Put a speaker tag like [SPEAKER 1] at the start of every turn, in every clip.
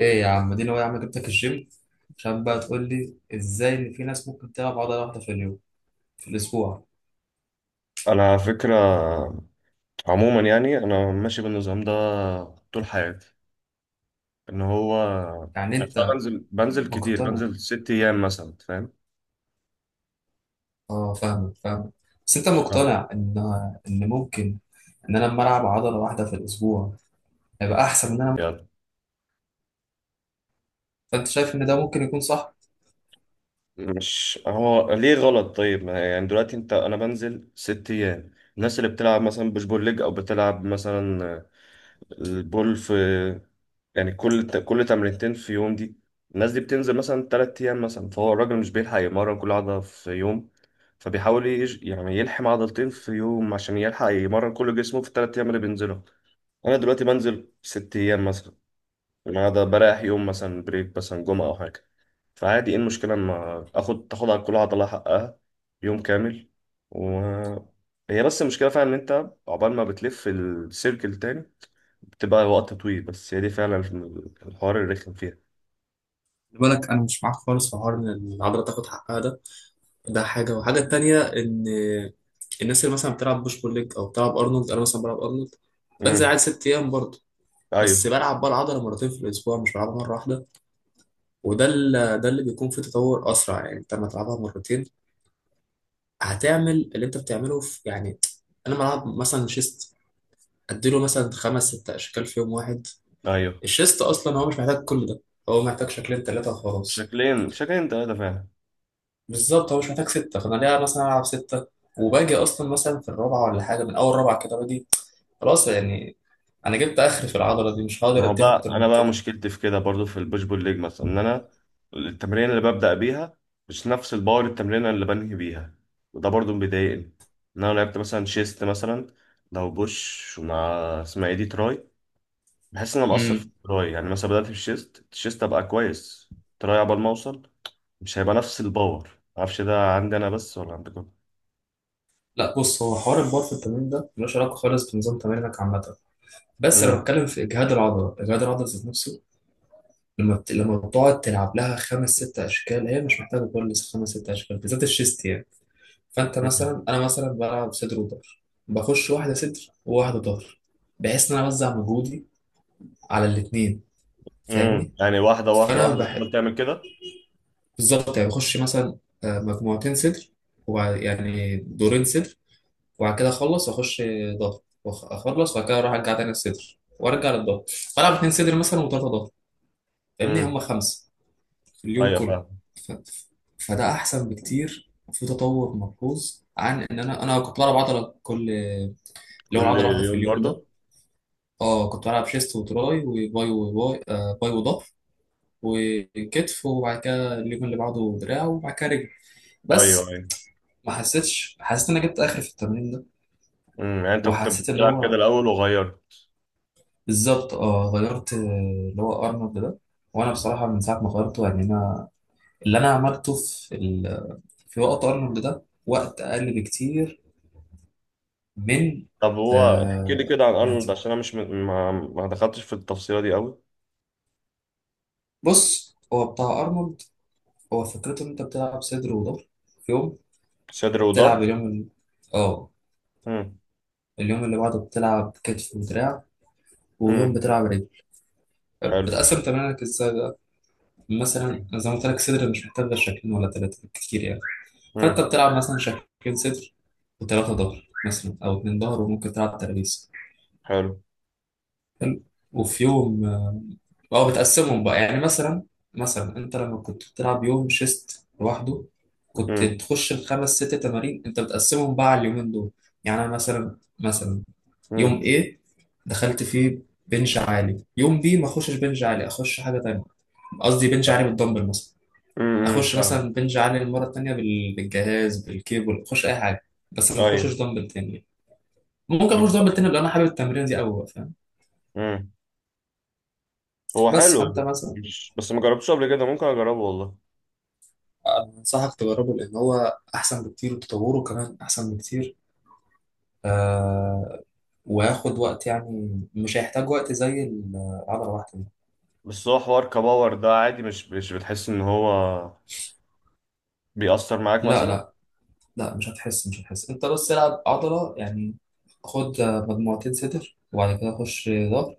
[SPEAKER 1] ايه يا عم؟ دي هو يا عم جبتك الجيم عشان بقى تقول لي ازاي ان في ناس ممكن تلعب عضله واحده في اليوم، في الاسبوع؟
[SPEAKER 2] انا على فكره، عموما يعني انا ماشي بالنظام ده طول حياتي. ان هو
[SPEAKER 1] يعني
[SPEAKER 2] يعني أنا
[SPEAKER 1] انت
[SPEAKER 2] بنزل كتير،
[SPEAKER 1] مقتنع.
[SPEAKER 2] بنزل ست ايام مثلا، فاهم.
[SPEAKER 1] اه، فاهمك فاهمك. بس انت
[SPEAKER 2] ف-
[SPEAKER 1] مقتنع ان ممكن ان انا لما العب عضله واحده في الاسبوع هيبقى احسن من انا؟
[SPEAKER 2] يلا.
[SPEAKER 1] فانت شايف ان ده ممكن يكون صح؟
[SPEAKER 2] مش هو ليه غلط؟ طيب ما يعني دلوقتي انت، انا بنزل ست ايام. الناس اللي بتلعب مثلا بوش بول ليج او بتلعب مثلا البول في، يعني كل تمرينتين في يوم دي، الناس دي بتنزل مثلا تلات أيام مثلا، فهو الراجل مش بيلحق يمرن كل عضلة في يوم، يعني يلحم عضلتين في يوم عشان يلحق يمرن كل جسمه في التلات أيام اللي بينزلهم. أنا دلوقتي بنزل ست أيام مثلا، النهاردة بريح يوم مثلا، بريك مثلا جمعة أو حاجة، فعادي. إيه المشكلة لما آخد تاخد على كل عضلة حقها يوم كامل و... هي بس المشكلة فعلا إن أنت عقبال ما بتلف السيركل تاني بتبقى وقت طويل، بس هي دي فعلا الحوار الرخم فيها.
[SPEAKER 1] خلي بالك، انا مش معاك خالص في حوار ان العضله تاخد حقها ده حاجه، والحاجه التانيه ان الناس اللي مثلا بتلعب بوش بول ليج او بتلعب ارنولد، انا مثلا بلعب ارنولد، بنزل عادي
[SPEAKER 2] امم
[SPEAKER 1] ست ايام برضه، بس
[SPEAKER 2] ايوه.
[SPEAKER 1] بلعب بقى العضله مرتين في الاسبوع، مش بلعبها مره واحده. وده اللي بيكون فيه تطور اسرع. يعني انت لما تلعبها مرتين هتعمل اللي انت بتعمله في، يعني، انا بلعب مثلا شيست، اديله مثلا خمس ست اشكال في يوم واحد.
[SPEAKER 2] ايوه،
[SPEAKER 1] الشيست اصلا هو مش محتاج كل ده، هو محتاج شكلين ثلاثه وخلاص.
[SPEAKER 2] شكلين تلاتة فعلا.
[SPEAKER 1] بالظبط، هو مش محتاج سته، فانا ليه مثلا العب سته؟ وباجي اصلا مثلا في الرابعه ولا حاجه، من اول رابعه كده باجي خلاص يعني. انا جبت اخر في العضله دي، مش
[SPEAKER 2] ما
[SPEAKER 1] هقدر
[SPEAKER 2] هو
[SPEAKER 1] اديها
[SPEAKER 2] بقى
[SPEAKER 1] اكتر
[SPEAKER 2] انا
[SPEAKER 1] من
[SPEAKER 2] بقى مشكلتي في كده برضو في البوش بول ليج مثلا، ان انا التمرين اللي ببدأ بيها مش نفس الباور التمرين اللي بنهي بيها، وده برضو مضايقني. ان انا لعبت مثلا شيست مثلا، لو بوش ومع اسمها ايه دي، تراي، بحس ان انا مقصر في
[SPEAKER 1] كده.
[SPEAKER 2] التراي. يعني مثلا بدأت في الشيست، الشيست ابقى كويس، تراي عبال ما اوصل مش هيبقى نفس الباور. معرفش ده عندي انا بس ولا عندكم.
[SPEAKER 1] لا، بص، هو حوار البار في التمرين ده ملوش علاقه خالص بنظام تمرينك عامه. بس انا بتكلم في اجهاد العضله، اجهاد العضله ذات نفسه. لما بتقعد تلعب لها خمس ست اشكال، هي مش محتاجه كل خمس ست اشكال، بالذات الشيست يعني. فانت
[SPEAKER 2] مم.
[SPEAKER 1] مثلا، انا مثلا بلعب صدر وظهر، بخش واحده صدر وواحده ظهر، بحيث ان انا اوزع مجهودي على الاثنين. فاهمني؟
[SPEAKER 2] يعني واحدة واحدة
[SPEAKER 1] فانا
[SPEAKER 2] واحدة
[SPEAKER 1] بحب،
[SPEAKER 2] تفضل تعمل كده.
[SPEAKER 1] بالظبط، يعني بخش مثلا مجموعتين صدر، وبعد، يعني، دورين صدر. وبعد كده اخلص واخش ضغط، اخلص وبعد كده اروح ارجع تاني الصدر وارجع للضغط، فالعب اتنين صدر مثلا وثلاثه ضغط. فاهمني؟ هم
[SPEAKER 2] امم
[SPEAKER 1] خمسه في اليوم
[SPEAKER 2] ايوه
[SPEAKER 1] كله.
[SPEAKER 2] فاهم.
[SPEAKER 1] ف... فده احسن بكتير وفي تطور ملحوظ عن ان انا كنت بلعب عضله، كل اللي هو
[SPEAKER 2] كل
[SPEAKER 1] العضله واحده في
[SPEAKER 2] يوم
[SPEAKER 1] اليوم ده.
[SPEAKER 2] برضه.
[SPEAKER 1] اه، كنت بلعب شيست وتراي وباي وباي آه باي وظهر وكتف، وبعد كده اليوم اللي بعده دراع، وبعد كده رجل.
[SPEAKER 2] ايوه.
[SPEAKER 1] بس
[SPEAKER 2] ايوه.
[SPEAKER 1] ما حسيتش، حسيت ان انا جبت اخر في التمرين ده.
[SPEAKER 2] يعني انت كنت
[SPEAKER 1] وحسيت ان
[SPEAKER 2] بتلعب كده
[SPEAKER 1] هو
[SPEAKER 2] الاول وغيرت؟
[SPEAKER 1] بالظبط. اه، غيرت، اللي هو ارنولد ده. وانا بصراحه من ساعه ما غيرته، يعني انا اللي انا عملته في وقت ارنولد ده وقت اقل بكتير من
[SPEAKER 2] طب هو احكي لي
[SPEAKER 1] آه...
[SPEAKER 2] كده عن ارنولد
[SPEAKER 1] عادي.
[SPEAKER 2] عشان انا مش م... ما دخلتش في التفصيلة دي قوي.
[SPEAKER 1] بص، هو بتاع ارنولد هو فكرته ان انت بتلعب صدر وظهر في يوم،
[SPEAKER 2] صدر
[SPEAKER 1] بتلعب
[SPEAKER 2] وظهر.
[SPEAKER 1] اليوم ال... اه
[SPEAKER 2] امم
[SPEAKER 1] اليوم اللي بعده بتلعب كتف ودراع، ويوم
[SPEAKER 2] امم
[SPEAKER 1] بتلعب رجل.
[SPEAKER 2] حلو.
[SPEAKER 1] بتقسم تمارينك ازاي بقى؟ مثلا زي ما قلت لك، صدر مش محتاج غير شكلين ولا ثلاثه كتير يعني. فانت
[SPEAKER 2] امم
[SPEAKER 1] بتلعب مثلا شكلين صدر وثلاثه ظهر، مثلا، او اتنين ظهر، وممكن تلعب ترابيز.
[SPEAKER 2] حلو.
[SPEAKER 1] حلو. وفي يوم او بتقسمهم بقى، يعني مثلا، مثلا انت لما كنت بتلعب يوم شيست لوحده، كنت
[SPEAKER 2] امم
[SPEAKER 1] تخش الخمس ست تمارين، انت بتقسمهم بقى على اليومين دول. يعني انا مثلا مثلا يوم
[SPEAKER 2] امم
[SPEAKER 1] A دخلت فيه بنش عالي، يوم B ما اخشش بنش عالي، اخش حاجه تانية. قصدي بنش عالي بالدمبل مثلا، اخش
[SPEAKER 2] فاهم.
[SPEAKER 1] مثلا بنج عالي المره التانيه بالجهاز، بالكيبل، اخش اي حاجه، بس ما اخشش
[SPEAKER 2] ايوه.
[SPEAKER 1] دمبل تاني. ممكن اخش دمبل
[SPEAKER 2] بالظبط.
[SPEAKER 1] تاني لو انا حابب التمرين دي قوي. فاهم؟
[SPEAKER 2] امم هو
[SPEAKER 1] بس
[SPEAKER 2] حلو،
[SPEAKER 1] فانت مثلا،
[SPEAKER 2] مش بس ما جربتوش قبل كده، ممكن اجربه والله.
[SPEAKER 1] أنا انصحك تجربه لان هو احسن بكتير وتطوره كمان احسن بكتير. آه، وياخد وقت، يعني مش هيحتاج وقت زي العضله واحده دي.
[SPEAKER 2] بس هو حوار كباور ده عادي، مش مش بتحس ان هو بيأثر معاك
[SPEAKER 1] لا
[SPEAKER 2] مثلا؟
[SPEAKER 1] لا، لا مش هتحس، مش هتحس. انت بس العب عضله يعني، خد مجموعتين صدر وبعد كده خش ظهر،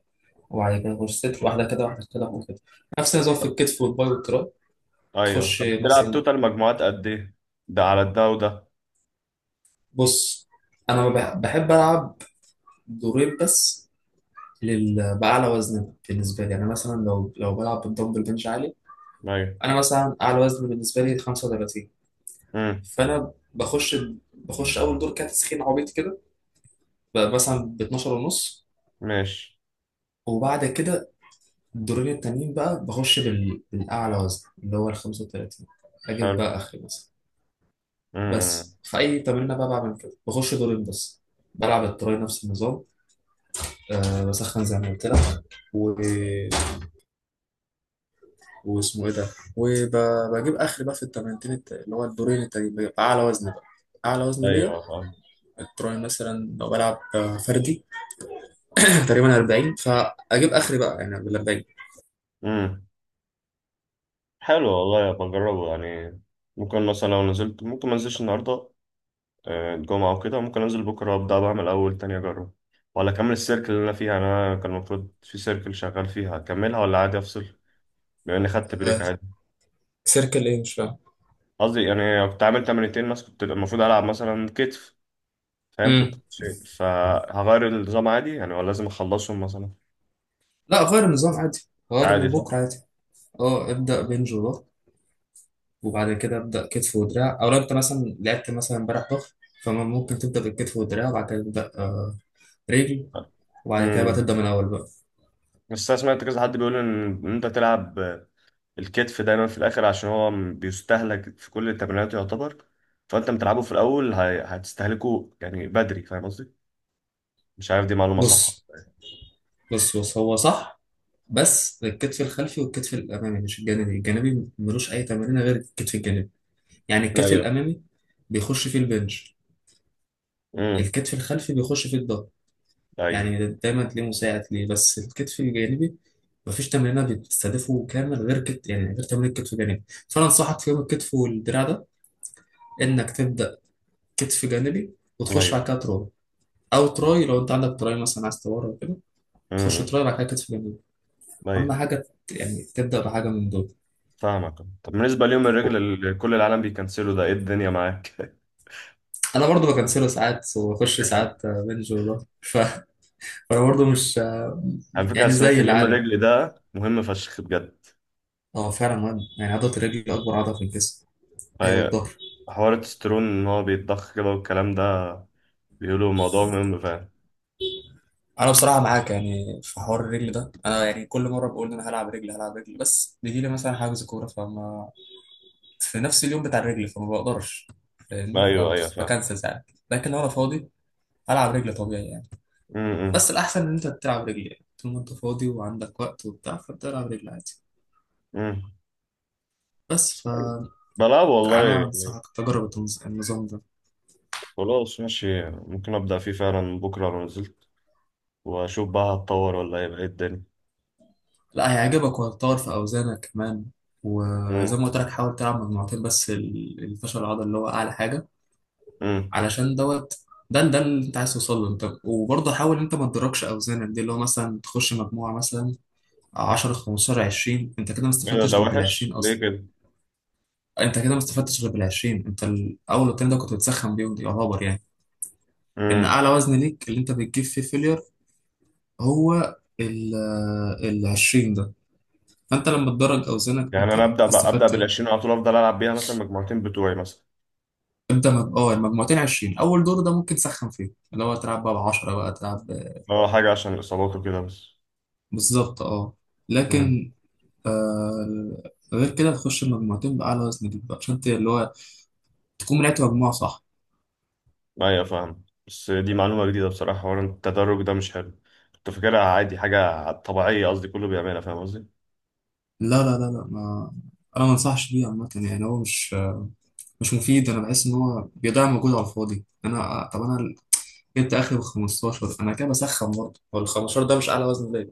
[SPEAKER 1] وبعد كده غرفة صدر واحدة كده واحدة كده واحدة كده. نفس النظام في
[SPEAKER 2] طب.
[SPEAKER 1] الكتف والباي والتراي.
[SPEAKER 2] ايوه،
[SPEAKER 1] تخش
[SPEAKER 2] طب بتلعب طيب.
[SPEAKER 1] مثلا،
[SPEAKER 2] توتال مجموعات قد ايه؟ ده على ده وده.
[SPEAKER 1] بص، أنا ما بح- بحب ألعب دورين بس، بأعلى وزن بالنسبة لي. أنا مثلا لو بلعب بالدمبل بنش عالي،
[SPEAKER 2] ايوه.
[SPEAKER 1] أنا مثلا أعلى وزن بالنسبة لي 35.
[SPEAKER 2] امم
[SPEAKER 1] فأنا بخش، بخش أول دور كده تسخين عبيط كده، بقى مثلا ب 12 ونص.
[SPEAKER 2] ماشي.
[SPEAKER 1] وبعد كده الدورين التانيين بقى بخش بالأعلى وزن اللي هو ال 35، أجيب
[SPEAKER 2] حلو.
[SPEAKER 1] بقى آخري مثلا.
[SPEAKER 2] امم
[SPEAKER 1] بس في اي تمرين بقى بعمل كده، بخش دورين بس. بلعب التراي نفس النظام. أه، بسخن زي ما قلت لك و... واسمه ايه ده، وبجيب اخر بقى في التمرينتين اللي هو الدورين التانيين بيبقى اعلى وزن بقى، اعلى وزن ليا.
[SPEAKER 2] ايوه فاهم.
[SPEAKER 1] التراي مثلا لو بلعب فردي تقريبا 40، فاجيب اخري بقى يعني بال 40.
[SPEAKER 2] امم حلو والله، بجربه يعني. ممكن مثلا لو نزلت، ممكن ما انزلش النهارده، الجمعة وكده ممكن انزل بكره، ابدا بعمل اول تاني اجرب؟ ولا اكمل السيركل اللي انا فيها؟ يعني انا كان المفروض في سيركل شغال فيها اكملها، ولا عادي افصل بما اني خدت بريك؟
[SPEAKER 1] آه،
[SPEAKER 2] عادي.
[SPEAKER 1] سيركل ايه؟ مش فاهم.
[SPEAKER 2] قصدي يعني كنت عامل تمرينتين بس، كنت المفروض العب مثلا كتف، فاهم كنت
[SPEAKER 1] امم
[SPEAKER 2] بتفهم. فهغير النظام عادي يعني ولا لازم اخلصهم مثلا؟
[SPEAKER 1] لا، غير النظام عادي، غير
[SPEAKER 2] عادي
[SPEAKER 1] من
[SPEAKER 2] صح؟
[SPEAKER 1] بكره عادي. اه، ابدا بنج وبعد كده ابدا كتف ودراع، او لو انت مثلا لعبت مثلا امبارح ظهر، فممكن تبدا بالكتف والدراع وبعد كده تبدا رجل، وبعد كده بقى
[SPEAKER 2] امم
[SPEAKER 1] تبدا من الاول بقى.
[SPEAKER 2] بس انا سمعت كذا حد بيقول ان إن انت تلعب الكتف دايما في الاخر عشان هو بيستهلك في كل التمرينات يعتبر، فانت بتلعبه في الاول هتستهلكه يعني بدري، فاهم قصدي؟ مش عارف دي معلومة صح
[SPEAKER 1] بص بص بص، هو صح، بس الكتف الخلفي والكتف الامامي، مش الجانبي، الجانبي ملوش اي تمرين غير الكتف الجانبي. يعني
[SPEAKER 2] ولا إيه.
[SPEAKER 1] الكتف
[SPEAKER 2] ايوه.
[SPEAKER 1] الامامي بيخش فيه البنش،
[SPEAKER 2] امم
[SPEAKER 1] الكتف الخلفي بيخش فيه الظهر،
[SPEAKER 2] ايوه.
[SPEAKER 1] يعني دايما تلاقيه مساعد ليه. بس الكتف الجانبي مفيش تمرينة بتستهدفه كامل غير يعني غير تمرين الكتف الجانبي. فانا انصحك في يوم الكتف والدراع ده انك تبدا كتف جانبي وتخش
[SPEAKER 2] ايوه.
[SPEAKER 1] بعد كده تراي، او تراي لو انت عندك تراي مثلا عايز تورم وكده، تخش
[SPEAKER 2] امم
[SPEAKER 1] تراي بعد كده كتف جانبي. اهم
[SPEAKER 2] ايوه
[SPEAKER 1] حاجه يعني تبدا بحاجه من دول.
[SPEAKER 2] فاهمك. طب بالنسبة ليوم الرجل اللي كل العالم بيكنسلوا ده، ايه الدنيا معاك؟
[SPEAKER 1] انا برضو بكنسله ساعات واخش ساعات بنج، وده فانا برضو مش
[SPEAKER 2] على فكرة أنا
[SPEAKER 1] يعني
[SPEAKER 2] سمعت
[SPEAKER 1] زي
[SPEAKER 2] ان يوم
[SPEAKER 1] العالم.
[SPEAKER 2] الرجل ده مهم فشخ بجد.
[SPEAKER 1] هو فعلا مهم، يعني عضله الرجل اكبر عضله في الجسم، هي
[SPEAKER 2] ايوه،
[SPEAKER 1] والظهر.
[SPEAKER 2] حوار التسترون ان هو بيتضخ كده والكلام ده، بيقولوا الموضوع مهم، فاهم.
[SPEAKER 1] انا بصراحه معاك، يعني في حوار الرجل ده انا يعني كل مره بقول ان انا هلعب رجل هلعب رجل، بس بيجي لي مثلا حاجز كوره فما في نفس اليوم بتاع الرجل، فما بقدرش. فاهمني؟
[SPEAKER 2] ايوه. ايوه فاهم.
[SPEAKER 1] بكنسل ساعات. لكن لو انا فاضي، العب رجل طبيعي يعني.
[SPEAKER 2] امم
[SPEAKER 1] بس الاحسن ان انت تلعب رجل، يعني طول ما انت فاضي وعندك وقت وبتاع، فبتلعب رجل عادي.
[SPEAKER 2] امم
[SPEAKER 1] بس فانا
[SPEAKER 2] بلعب والله يعني.
[SPEAKER 1] انصحك تجرب النظام ده.
[SPEAKER 2] خلاص ماشي، ممكن ابدا فيه فعلا بكره لو نزلت، واشوف بقى هتطور ولا هيبقى ايه الدنيا.
[SPEAKER 1] لا، هيعجبك وهتطور في اوزانك كمان. وزي
[SPEAKER 2] امم
[SPEAKER 1] ما قلت لك حاول تلعب مجموعتين بس الفشل العضلي اللي هو اعلى حاجه.
[SPEAKER 2] امم
[SPEAKER 1] علشان دوت، ده اللي انت عايز توصل له. انت وبرضه حاول انت ما تدركش اوزانك دي، اللي هو مثلا تخش مجموعه مثلا 10، 15، 20، انت كده ما
[SPEAKER 2] ايه ده؟
[SPEAKER 1] استفدتش
[SPEAKER 2] ده
[SPEAKER 1] غير بال
[SPEAKER 2] وحش
[SPEAKER 1] 20
[SPEAKER 2] ليه
[SPEAKER 1] اصلا.
[SPEAKER 2] كده؟
[SPEAKER 1] انت كده ما استفدتش غير بال 20، انت الاول والتاني ده كنت بتسخن بيهم يعتبر يعني. ان
[SPEAKER 2] امم
[SPEAKER 1] اعلى وزن ليك اللي انت بتجيب فيه فيلير هو ال 20 ده. فانت لما تدرج اوزانك
[SPEAKER 2] يعني انا
[SPEAKER 1] انت
[SPEAKER 2] ابدا بقى، ابدا
[SPEAKER 1] استفدت
[SPEAKER 2] بال
[SPEAKER 1] ايه؟
[SPEAKER 2] 20 على طول، افضل العب بيها مثلا مجموعتين بتوعي مثلا؟
[SPEAKER 1] ابدا اه، المجموعتين 20. اول دور ده ممكن تسخن فيه، اللي هو تلعب بقى ب 10، بقى تلعب
[SPEAKER 2] اه حاجه عشان الاصابات وكده بس.
[SPEAKER 1] بالظبط اه،
[SPEAKER 2] إمم.
[SPEAKER 1] لكن آه غير كده، تخش المجموعتين باعلى وزن ليك بقى، عشان اللي هو تكون لعبت مجموعه صح.
[SPEAKER 2] ايوه فاهم. بس دي معلومة جديدة بصراحة، حوار التدرج ده مش حلو. كنت فاكرها عادي حاجة طبيعية، قصدي كله بيعملها، فاهم قصدي؟
[SPEAKER 1] لا لا لا، لا ما انا ما انصحش بيه عامه، يعني هو مش مفيد. انا بحس ان هو بيضيع مجهود على الفاضي. انا طب انا جبت اخري بال 15، انا كده بسخن برضه، هو ال 15 ده مش اعلى وزن ليا.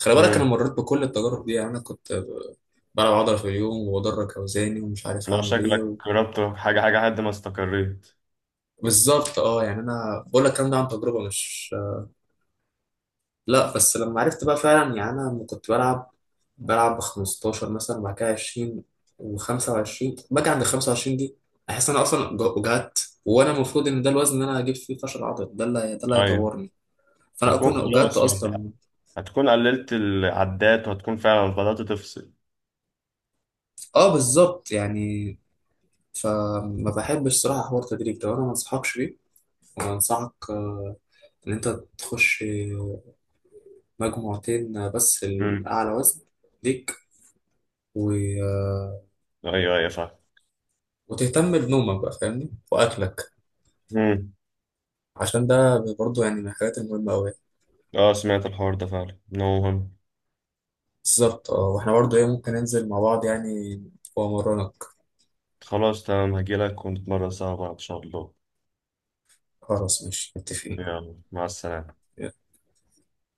[SPEAKER 1] خلي بالك، انا
[SPEAKER 2] امم
[SPEAKER 1] مريت بكل التجارب دي، يعني انا كنت بلعب عضله في اليوم وبدرج اوزاني ومش عارف
[SPEAKER 2] لو
[SPEAKER 1] اعمل ايه
[SPEAKER 2] شكلك جربت حاجة حاجة لحد ما استقريت.
[SPEAKER 1] بالظبط اه. يعني انا بقول لك الكلام ده عن تجربه، مش لا، بس لما عرفت بقى فعلا، يعني انا لما كنت بلعب، بلعب ب 15 مثلا وبعد كده 20 و25، باجي عند 25 دي احس ان انا اصلا وجعت. وانا المفروض ان ده الوزن اللي انا هجيب فيه فشل عضلي، ده اللي
[SPEAKER 2] ايوه.
[SPEAKER 1] هيطورني، فانا
[SPEAKER 2] هتكون
[SPEAKER 1] اكون وجعت
[SPEAKER 2] خلاص، ما انت
[SPEAKER 1] اصلا.
[SPEAKER 2] هتكون قللت العدات وهتكون فعلا بدأت تفصل.
[SPEAKER 1] اه بالظبط. يعني فما بحبش صراحه حوار تدريب ده، وانا ما انصحكش بيه. وانصحك ان انت تخش مجموعتين بس
[SPEAKER 2] امم
[SPEAKER 1] الاعلى وزن ليك و...
[SPEAKER 2] ايوه. ايوه فاهم.
[SPEAKER 1] وتهتم بنومك بقى، فاهمني، واكلك،
[SPEAKER 2] امم
[SPEAKER 1] عشان ده برضه يعني من الحاجات المهمة أوي.
[SPEAKER 2] اه سمعت الحوار ده فعلا إنه مهم.
[SPEAKER 1] بالظبط اه، واحنا برضه ايه ممكن ننزل مع بعض يعني، وأمرنك.
[SPEAKER 2] خلاص تمام، هجيلك ونتمرن سوا بعض ان شاء الله.
[SPEAKER 1] خلاص، ماشي، متفقين.
[SPEAKER 2] يلا مع السلامة.